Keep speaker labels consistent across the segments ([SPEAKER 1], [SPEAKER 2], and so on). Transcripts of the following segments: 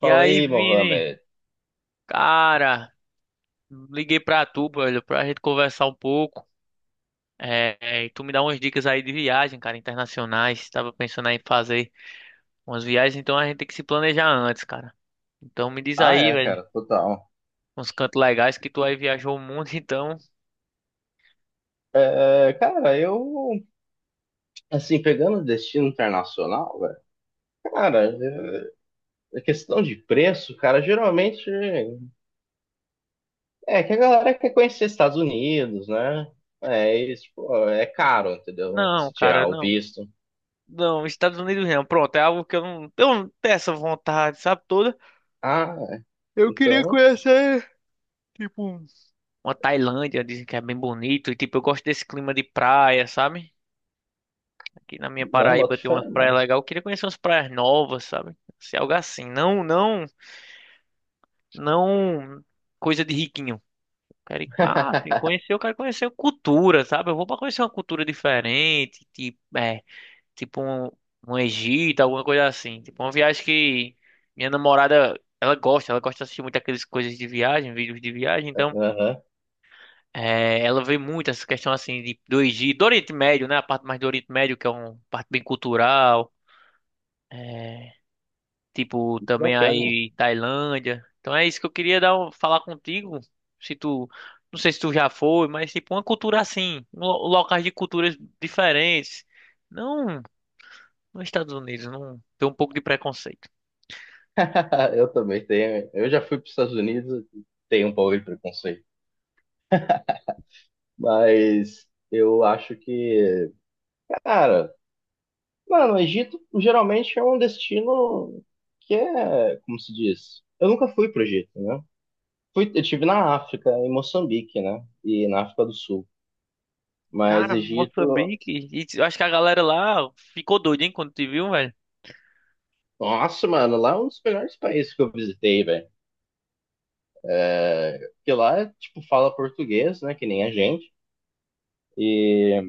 [SPEAKER 1] E
[SPEAKER 2] Falei,
[SPEAKER 1] aí,
[SPEAKER 2] aí,
[SPEAKER 1] Vini?
[SPEAKER 2] Mohamed.
[SPEAKER 1] Cara, liguei pra tu, velho, pra gente conversar um pouco. E tu me dá umas dicas aí de viagem, cara, internacionais. Tava pensando aí em fazer umas viagens, então a gente tem que se planejar antes, cara. Então me diz
[SPEAKER 2] Ah,
[SPEAKER 1] aí,
[SPEAKER 2] é,
[SPEAKER 1] velho,
[SPEAKER 2] cara, total.
[SPEAKER 1] uns cantos legais que tu aí viajou o mundo, então.
[SPEAKER 2] É, cara, assim, pegando o destino internacional, velho, cara, é, a questão de preço, cara, geralmente é que a galera quer conhecer Estados Unidos, né? É, isso, pô, é caro, entendeu?
[SPEAKER 1] Não,
[SPEAKER 2] Se
[SPEAKER 1] cara,
[SPEAKER 2] tirar o
[SPEAKER 1] não.
[SPEAKER 2] visto.
[SPEAKER 1] Não, Estados Unidos não. Pronto, é algo que eu não tenho essa vontade, sabe, toda.
[SPEAKER 2] Ah, é.
[SPEAKER 1] Eu queria
[SPEAKER 2] Então,
[SPEAKER 1] conhecer, tipo, uma Tailândia, dizem que é bem bonito. E, tipo, eu gosto desse clima de praia, sabe? Aqui na minha
[SPEAKER 2] não, boto
[SPEAKER 1] Paraíba tem umas
[SPEAKER 2] fé,
[SPEAKER 1] praias
[SPEAKER 2] não.
[SPEAKER 1] legais. Eu queria conhecer umas praias novas, sabe? Se algo assim. Não, não, não coisa de riquinho. Quero ir pra, assim, conhecer, eu quero conhecer cultura, sabe? Eu vou pra conhecer uma cultura diferente, tipo, tipo um, um Egito, alguma coisa assim. Tipo, uma viagem que minha namorada, ela gosta de assistir muito aquelas coisas de viagem, vídeos de viagem, então,
[SPEAKER 2] Aham,
[SPEAKER 1] é, ela vê muito essa questão, assim, de, do Egito, do Oriente Médio, né? A parte mais do Oriente Médio, que é uma parte bem cultural. é, Tipo,
[SPEAKER 2] muito
[SPEAKER 1] também
[SPEAKER 2] bacana.
[SPEAKER 1] aí Tailândia. Então é isso que eu queria dar, falar contigo. Se tu, não sei se tu já foi, mas tipo uma cultura assim, locais de culturas diferentes. Não, nos Estados Unidos, não tem um pouco de preconceito.
[SPEAKER 2] Eu também tenho. Eu já fui para os Estados Unidos, e tenho um pouco de preconceito. Mas eu acho que, cara, mano, o Egito geralmente é um destino que é, como se diz? Eu nunca fui pro Egito, né? Fui, eu tive na África, em Moçambique, né? E na África do Sul. Mas
[SPEAKER 1] Cara,
[SPEAKER 2] Egito,
[SPEAKER 1] Moçambique, e eu acho que a galera lá ficou doida, hein, quando te viu, velho.
[SPEAKER 2] nossa, mano, lá é um dos melhores países que eu visitei, velho. Porque lá, tipo, fala português, né? Que nem a gente. E,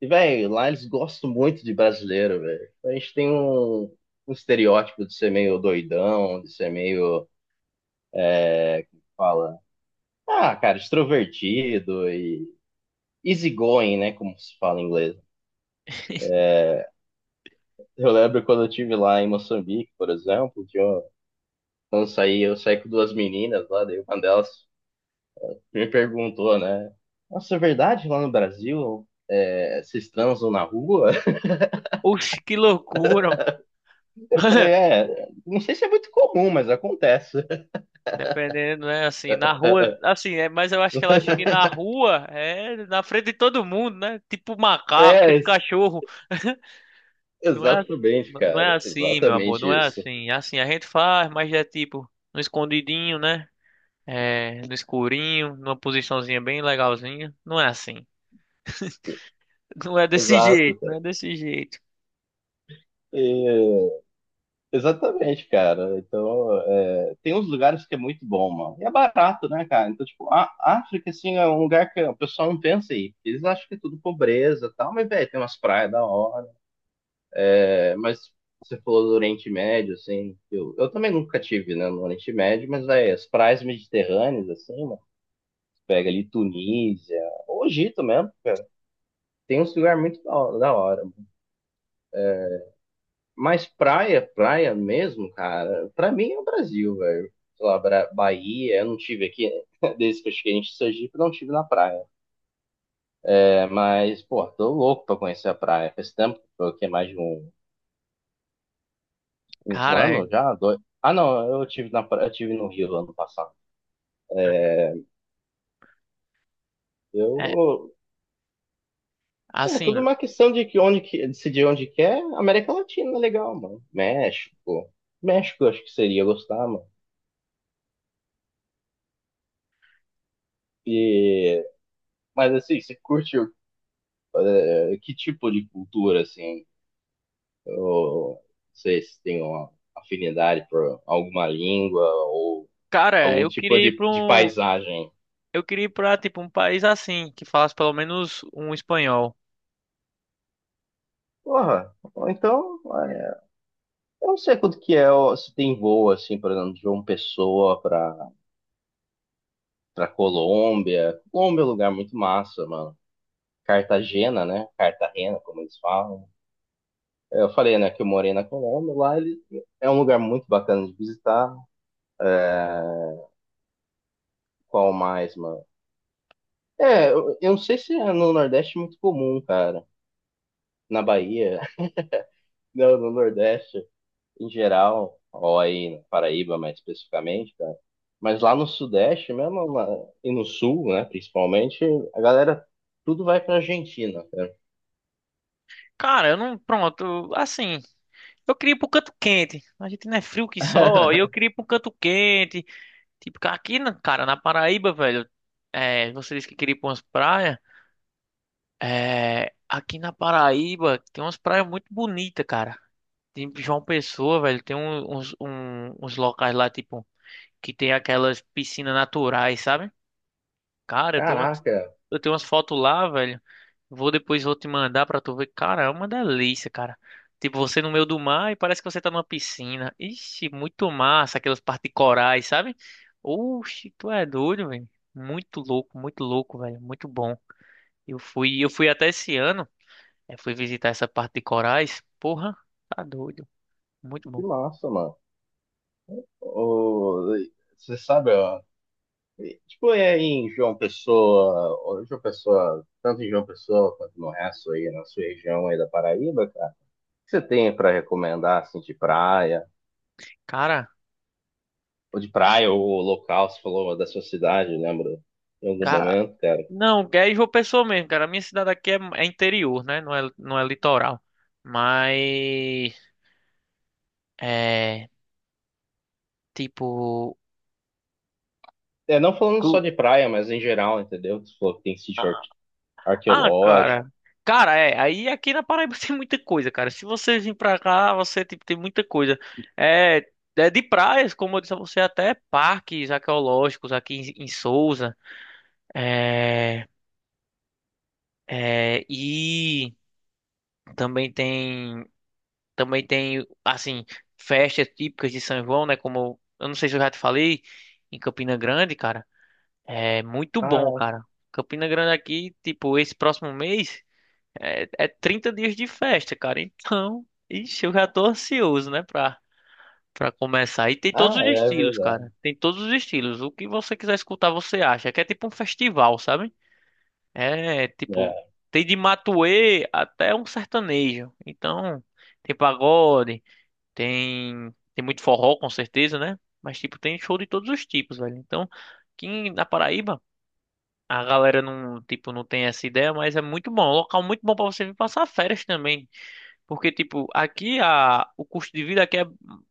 [SPEAKER 2] e velho, lá eles gostam muito de brasileiro, velho. A gente tem um, um estereótipo de ser meio doidão, de ser meio é, como fala? Ah, cara, extrovertido e easygoing, né? Como se fala em inglês. Eu lembro quando eu tive lá em Moçambique, por exemplo, quando eu saí com duas meninas lá, daí uma delas me perguntou, né? Nossa, é verdade lá no Brasil é, vocês transam na rua?
[SPEAKER 1] Oxe, que loucura.
[SPEAKER 2] Eu falei, é, não sei se é muito comum, mas acontece.
[SPEAKER 1] Dependendo, né? Assim, na rua, assim, é, mas eu acho que ela acha que na rua é na frente de todo mundo, né? Tipo macaco,
[SPEAKER 2] É,
[SPEAKER 1] tipo
[SPEAKER 2] ex-
[SPEAKER 1] cachorro. Não é, ass-
[SPEAKER 2] Exatamente,
[SPEAKER 1] não é
[SPEAKER 2] cara.
[SPEAKER 1] assim, meu amor,
[SPEAKER 2] Exatamente
[SPEAKER 1] não é
[SPEAKER 2] isso.
[SPEAKER 1] assim. É assim, a gente faz, mas é tipo no escondidinho, né? É, no escurinho, numa posiçãozinha bem legalzinha. Não é assim. Não é desse
[SPEAKER 2] Exato,
[SPEAKER 1] jeito, não
[SPEAKER 2] cara.
[SPEAKER 1] é desse jeito.
[SPEAKER 2] E exatamente, cara. Então, é, tem uns lugares que é muito bom, mano. E é barato, né, cara? Então, tipo, a África, assim, é um lugar que o pessoal não pensa aí. Eles acham que é tudo pobreza e tal, mas, velho, tem umas praias da hora. É, mas você falou do Oriente Médio, assim, eu também nunca tive, né, no Oriente Médio, mas, velho, as praias mediterrâneas, assim, mano, pega ali Tunísia, ou Egito mesmo, tem uns lugares muito da hora, da hora. Mas praia, praia mesmo, cara, pra mim é o Brasil, velho. Sei lá, Bahia, eu não tive aqui, desde que eu cheguei em Sergipe, eu não tive na praia. É, mas, pô, tô louco pra conhecer a praia. Faz tempo, foi o quê? Mais de um, um
[SPEAKER 1] Cara, é,
[SPEAKER 2] ano já? Dois... Ah, não, eu tive na praia, eu tive no Rio ano passado.
[SPEAKER 1] é
[SPEAKER 2] Eu. É
[SPEAKER 1] assim,
[SPEAKER 2] tudo uma questão de que onde que, decidir onde quer, América Latina é legal, mano. México. México eu acho que seria gostar, mano. E, mas assim, que tipo de cultura, assim? Ou vocês têm uma afinidade por alguma língua ou
[SPEAKER 1] cara,
[SPEAKER 2] algum
[SPEAKER 1] eu
[SPEAKER 2] tipo
[SPEAKER 1] queria ir pra
[SPEAKER 2] de
[SPEAKER 1] um,
[SPEAKER 2] paisagem.
[SPEAKER 1] eu queria ir pra tipo um país assim, que falasse pelo menos um espanhol.
[SPEAKER 2] Porra, ou então, é, eu não sei quanto que é, ó, se tem voo, assim, por exemplo, de João Pessoa pra, pra Colômbia. Colômbia é um lugar muito massa, mano. Cartagena, né? Cartagena, como eles falam. Eu falei, né, que eu morei na Colômbia, lá ele é um lugar muito bacana de visitar. É, qual mais, mano? É, eu não sei se é no Nordeste é muito comum, cara. Na Bahia, no Nordeste em geral, ou aí na Paraíba mais especificamente, cara. Mas lá no Sudeste mesmo, e no Sul, né, principalmente, a galera tudo vai pra Argentina, cara.
[SPEAKER 1] Cara, eu não, pronto, assim, eu queria ir pro canto quente. A gente não é frio que só, e eu queria ir pro canto quente. Tipo, aqui, cara, na Paraíba, velho, é, você disse que queria ir pra umas praias. É, aqui na Paraíba tem umas praias muito bonitas, cara. Tem João Pessoa, velho, tem uns, uns locais lá, tipo, que tem aquelas piscinas naturais, sabe? Cara,
[SPEAKER 2] Caraca,
[SPEAKER 1] eu tenho umas fotos lá, velho. Vou depois vou te mandar pra tu ver. Cara, é uma delícia, cara. Tipo, você no meio do mar e parece que você tá numa piscina. Ixi, muito massa, aquelas partes de corais, sabe? Oxi, tu é doido, velho. Muito louco, velho. Muito bom. Eu fui até esse ano. Eu fui visitar essa parte de corais. Porra, tá doido. Muito
[SPEAKER 2] que
[SPEAKER 1] bom.
[SPEAKER 2] massa, mano. O- Você sabe, ó, tipo, é em João Pessoa, ó, João Pessoa, tanto em João Pessoa quanto no resto aí, na sua região aí da Paraíba, cara. O que você tem pra recomendar, assim, de praia?
[SPEAKER 1] Cara,
[SPEAKER 2] Ou de praia, ou local, você falou da sua cidade, lembra? Em algum
[SPEAKER 1] cara.
[SPEAKER 2] momento, cara.
[SPEAKER 1] Não, é João Pessoa mesmo, cara. A minha cidade aqui é interior, né? Não é litoral. Mas. É. Tipo.
[SPEAKER 2] É, não falando só de praia, mas em geral, entendeu? Você falou que tem
[SPEAKER 1] Ah,
[SPEAKER 2] arqueológico.
[SPEAKER 1] cara. Cara, é, aí aqui na Paraíba tem muita coisa, cara. Se você vir pra cá, você tipo, tem muita coisa. É, é de praias, como eu disse a você, até parques arqueológicos aqui em Sousa. É, e também tem, também tem, assim, festas típicas de São João, né? Como eu não sei se eu já te falei, em Campina Grande, cara. É muito bom,
[SPEAKER 2] Ah,
[SPEAKER 1] cara. Campina Grande aqui, tipo, esse próximo mês. É 30 dias de festa, cara. Então, ixi, eu já tô ansioso, né, pra começar. E tem todos
[SPEAKER 2] ah,
[SPEAKER 1] os
[SPEAKER 2] é é
[SPEAKER 1] estilos,
[SPEAKER 2] verdade.
[SPEAKER 1] cara. Tem todos os estilos. O que você quiser escutar, você acha. Que é tipo um festival, sabe? É, tipo,
[SPEAKER 2] É.
[SPEAKER 1] tem de matuê até um sertanejo. Então, tem pagode, tem muito forró, com certeza, né? Mas, tipo, tem show de todos os tipos, velho. Então, aqui na Paraíba, a galera não, tipo, não tem essa ideia, mas é muito bom. É um local muito bom pra você vir passar férias também. Porque, tipo, aqui o custo de vida aqui é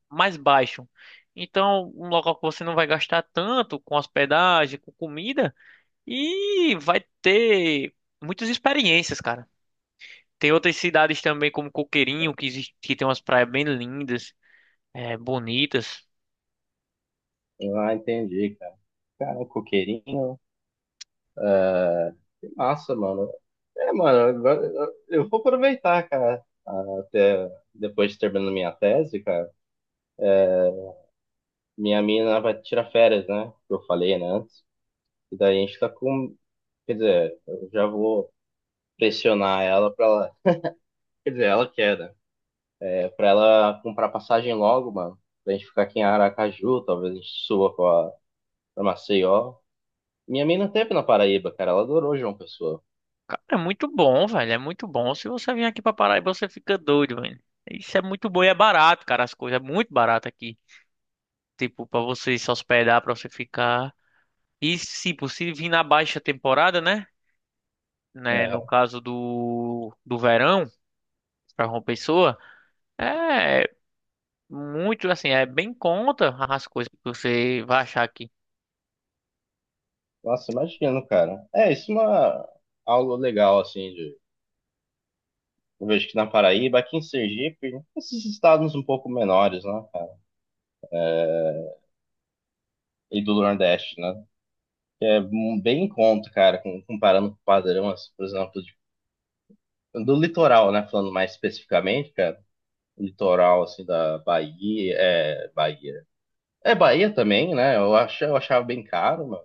[SPEAKER 1] mais baixo. Então, um local que você não vai gastar tanto com hospedagem, com comida, e vai ter muitas experiências, cara. Tem outras cidades também, como Coqueirinho, que tem umas praias bem lindas, é, bonitas.
[SPEAKER 2] Ah, entendi, cara. Cara, um coqueirinho, que massa, mano. É, mano, agora eu vou aproveitar, cara, até depois de terminar minha tese, cara. Minha mina vai tirar férias, né? Que eu falei, né, antes. E daí a gente tá com. Quer dizer, eu já vou pressionar ela pra ela quer dizer, ela quer, né? É pra ela comprar passagem logo, mano. Pra gente ficar aqui em Aracaju, talvez a gente suba pra, pra Maceió. Minha mina teve na Paraíba, cara. Ela adorou João Pessoa.
[SPEAKER 1] Cara, é muito bom, velho. É muito bom. Se você vir aqui pra Paraíba, você fica doido, velho. Isso é muito bom e é barato, cara. As coisas é muito barato aqui. Tipo, pra você se hospedar, pra você ficar. E, se possível, vir na baixa temporada, né? Né, no
[SPEAKER 2] É.
[SPEAKER 1] caso do verão, para uma pessoa, é muito assim, é bem contra as coisas que você vai achar aqui.
[SPEAKER 2] Nossa, imagino, cara. É, isso é uma... algo legal, assim, de... Eu vejo que na Paraíba, aqui em Sergipe, esses estados um pouco menores, né, cara? E do Nordeste, né? Que é um, bem em conta, cara, comparando com o padrão, assim, por exemplo, do litoral, né? Falando mais especificamente, cara. Litoral assim da Bahia, é Bahia. É Bahia também, né? Eu acho, eu achava bem caro, mano.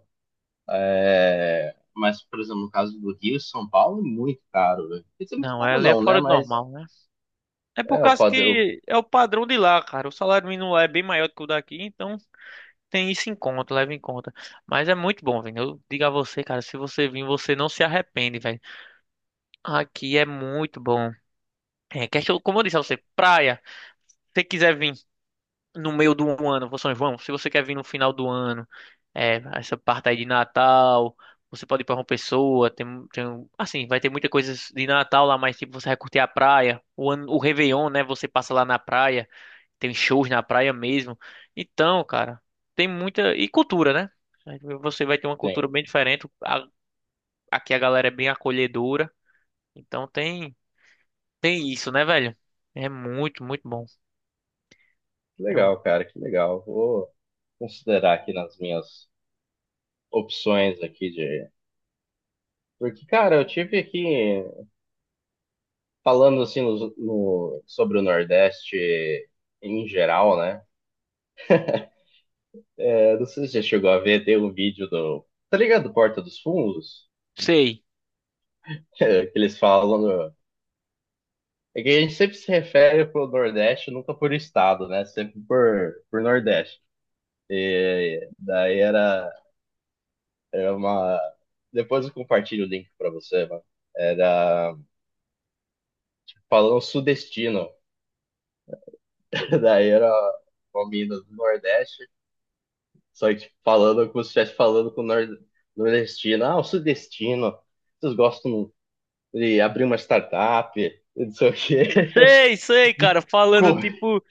[SPEAKER 2] É, mas por exemplo, no caso do Rio e São Paulo é muito caro, velho. Quer dizer, muito
[SPEAKER 1] Não,
[SPEAKER 2] caro
[SPEAKER 1] ela é
[SPEAKER 2] não, né?
[SPEAKER 1] fora do
[SPEAKER 2] Mas
[SPEAKER 1] normal, né? É por
[SPEAKER 2] é o
[SPEAKER 1] causa
[SPEAKER 2] padrão
[SPEAKER 1] que é o padrão de lá, cara. O salário mínimo lá é bem maior do que o daqui, então tem isso em conta, leva em conta. Mas é muito bom, velho. Eu digo a você, cara, se você vir, você não se arrepende, velho. Aqui é muito bom. É, questão, como eu disse a você, praia. Se você quiser vir. No meio do ano, for São João, se você quer vir no final do ano, é, essa parte aí de Natal, você pode ir para uma pessoa, assim, vai ter muita coisa de Natal lá, mas tipo, você vai curtir a praia, o ano, o Réveillon, né, você passa lá na praia, tem shows na praia mesmo. Então, cara, tem muita, e cultura, né? Você vai ter uma
[SPEAKER 2] tem.
[SPEAKER 1] cultura bem diferente, aqui a galera é bem acolhedora, então tem isso, né, velho? É muito, muito bom.
[SPEAKER 2] Que
[SPEAKER 1] É um...
[SPEAKER 2] legal, cara, que legal. Vou considerar aqui nas minhas opções aqui de porque, cara, eu tive aqui falando assim sobre o Nordeste em geral, né? É, não sei se você chegou a ver, tem um vídeo do. Tá ligado? Porta dos Fundos?
[SPEAKER 1] Sei.
[SPEAKER 2] Que eles falam. É que a gente sempre se refere pro Nordeste, nunca por estado, né? Sempre por Nordeste. E daí era, era uma. Depois eu compartilho o link pra você, mano. Era falando sudestino. Daí era uma mina do Nordeste, só que tipo, falando como se estivesse falando com o nordestino. Ah, o sudestino. Vocês gostam de abrir uma startup, e não sei o quê.
[SPEAKER 1] Sei, sei,
[SPEAKER 2] De
[SPEAKER 1] cara, falando
[SPEAKER 2] co-
[SPEAKER 1] tipo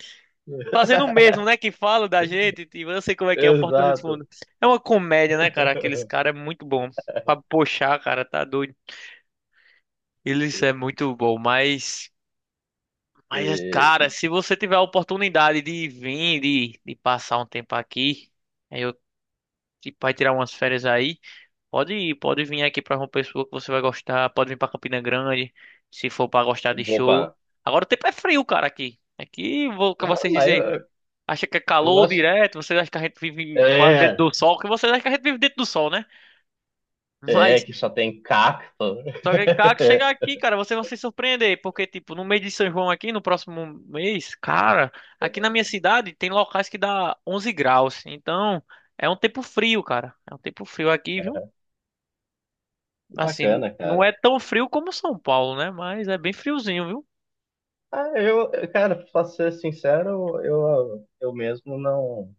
[SPEAKER 1] fazendo o mesmo, né? Que fala da gente, e eu sei como é que é, o Porta dos
[SPEAKER 2] Exato.
[SPEAKER 1] Fundos. É uma comédia, né, cara? Aqueles caras é muito bom. Pra puxar, cara, tá doido. Eles é muito bom, mas. Mas, cara,
[SPEAKER 2] E,
[SPEAKER 1] se você tiver a oportunidade de vir, de passar um tempo aqui, aí eu tipo, vai tirar umas férias aí, pode ir, pode vir aqui pra uma pessoa que você vai gostar, pode vir pra Campina Grande, se for pra gostar de
[SPEAKER 2] opa,
[SPEAKER 1] show. Agora o tempo é frio, cara, aqui. Aqui, vou com vocês
[SPEAKER 2] não, mas
[SPEAKER 1] dizer. Acha que é
[SPEAKER 2] eu
[SPEAKER 1] calor
[SPEAKER 2] gosto.
[SPEAKER 1] direto, vocês acham que a gente vive quase dentro
[SPEAKER 2] É,
[SPEAKER 1] do sol, que vocês acham que a gente vive dentro do sol, né?
[SPEAKER 2] é,
[SPEAKER 1] Mas
[SPEAKER 2] que só tem cacto.
[SPEAKER 1] só que, cara, chegar aqui, cara, vocês vão se surpreender, porque, tipo, no mês de São João aqui, no próximo mês, cara, aqui na minha cidade tem locais que dá 11 graus, então é um tempo frio, cara, é um tempo frio aqui, viu?
[SPEAKER 2] Que
[SPEAKER 1] Assim,
[SPEAKER 2] bacana,
[SPEAKER 1] não
[SPEAKER 2] cara.
[SPEAKER 1] é tão frio como São Paulo, né? Mas é bem friozinho, viu?
[SPEAKER 2] Ah, eu, cara, pra ser sincero, eu mesmo não.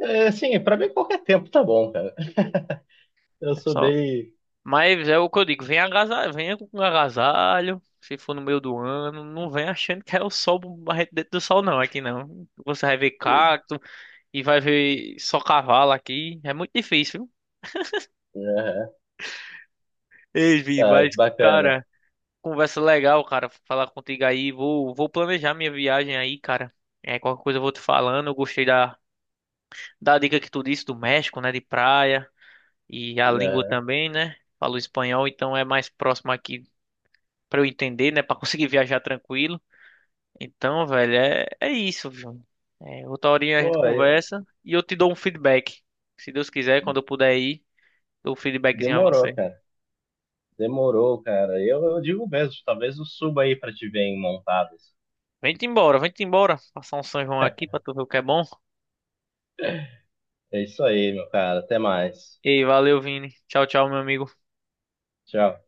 [SPEAKER 2] É, assim, pra mim qualquer tempo tá bom, cara. Eu
[SPEAKER 1] É
[SPEAKER 2] sou
[SPEAKER 1] só
[SPEAKER 2] bem.
[SPEAKER 1] Mas é o que eu digo, vem agasalho, venha com agasalho, se for no meio do ano, não vem achando que é o sol barrete dentro do sol não, aqui não. Você vai ver cacto e vai ver só cavalo aqui, é muito difícil, viu?
[SPEAKER 2] Aham,
[SPEAKER 1] Ei, Vi,
[SPEAKER 2] tá,
[SPEAKER 1] mas
[SPEAKER 2] que bacana.
[SPEAKER 1] cara, conversa legal, cara, falar contigo aí, vou planejar minha viagem aí, cara. É, qualquer coisa eu vou te falando, eu gostei da dica que tu disse do México, né, de praia, e a língua
[SPEAKER 2] Aham.
[SPEAKER 1] também, né? Falo espanhol, então é mais próximo aqui pra eu entender, né, Pra conseguir viajar tranquilo. Então, velho, é isso, João. É, outra horinha a gente
[SPEAKER 2] Pô, é,
[SPEAKER 1] conversa e eu te dou um feedback. Se Deus quiser, quando eu puder ir, dou um feedbackzinho a
[SPEAKER 2] demorou,
[SPEAKER 1] você.
[SPEAKER 2] cara. Demorou, cara. Eu digo mesmo, talvez eu suba aí pra te ver em montadas.
[SPEAKER 1] Vem-te embora, vem-te embora. Passar um São João aqui pra tu ver o que é bom.
[SPEAKER 2] É isso aí, meu cara. Até mais.
[SPEAKER 1] Ei, valeu, Vini. Tchau, tchau, meu amigo.
[SPEAKER 2] Tchau.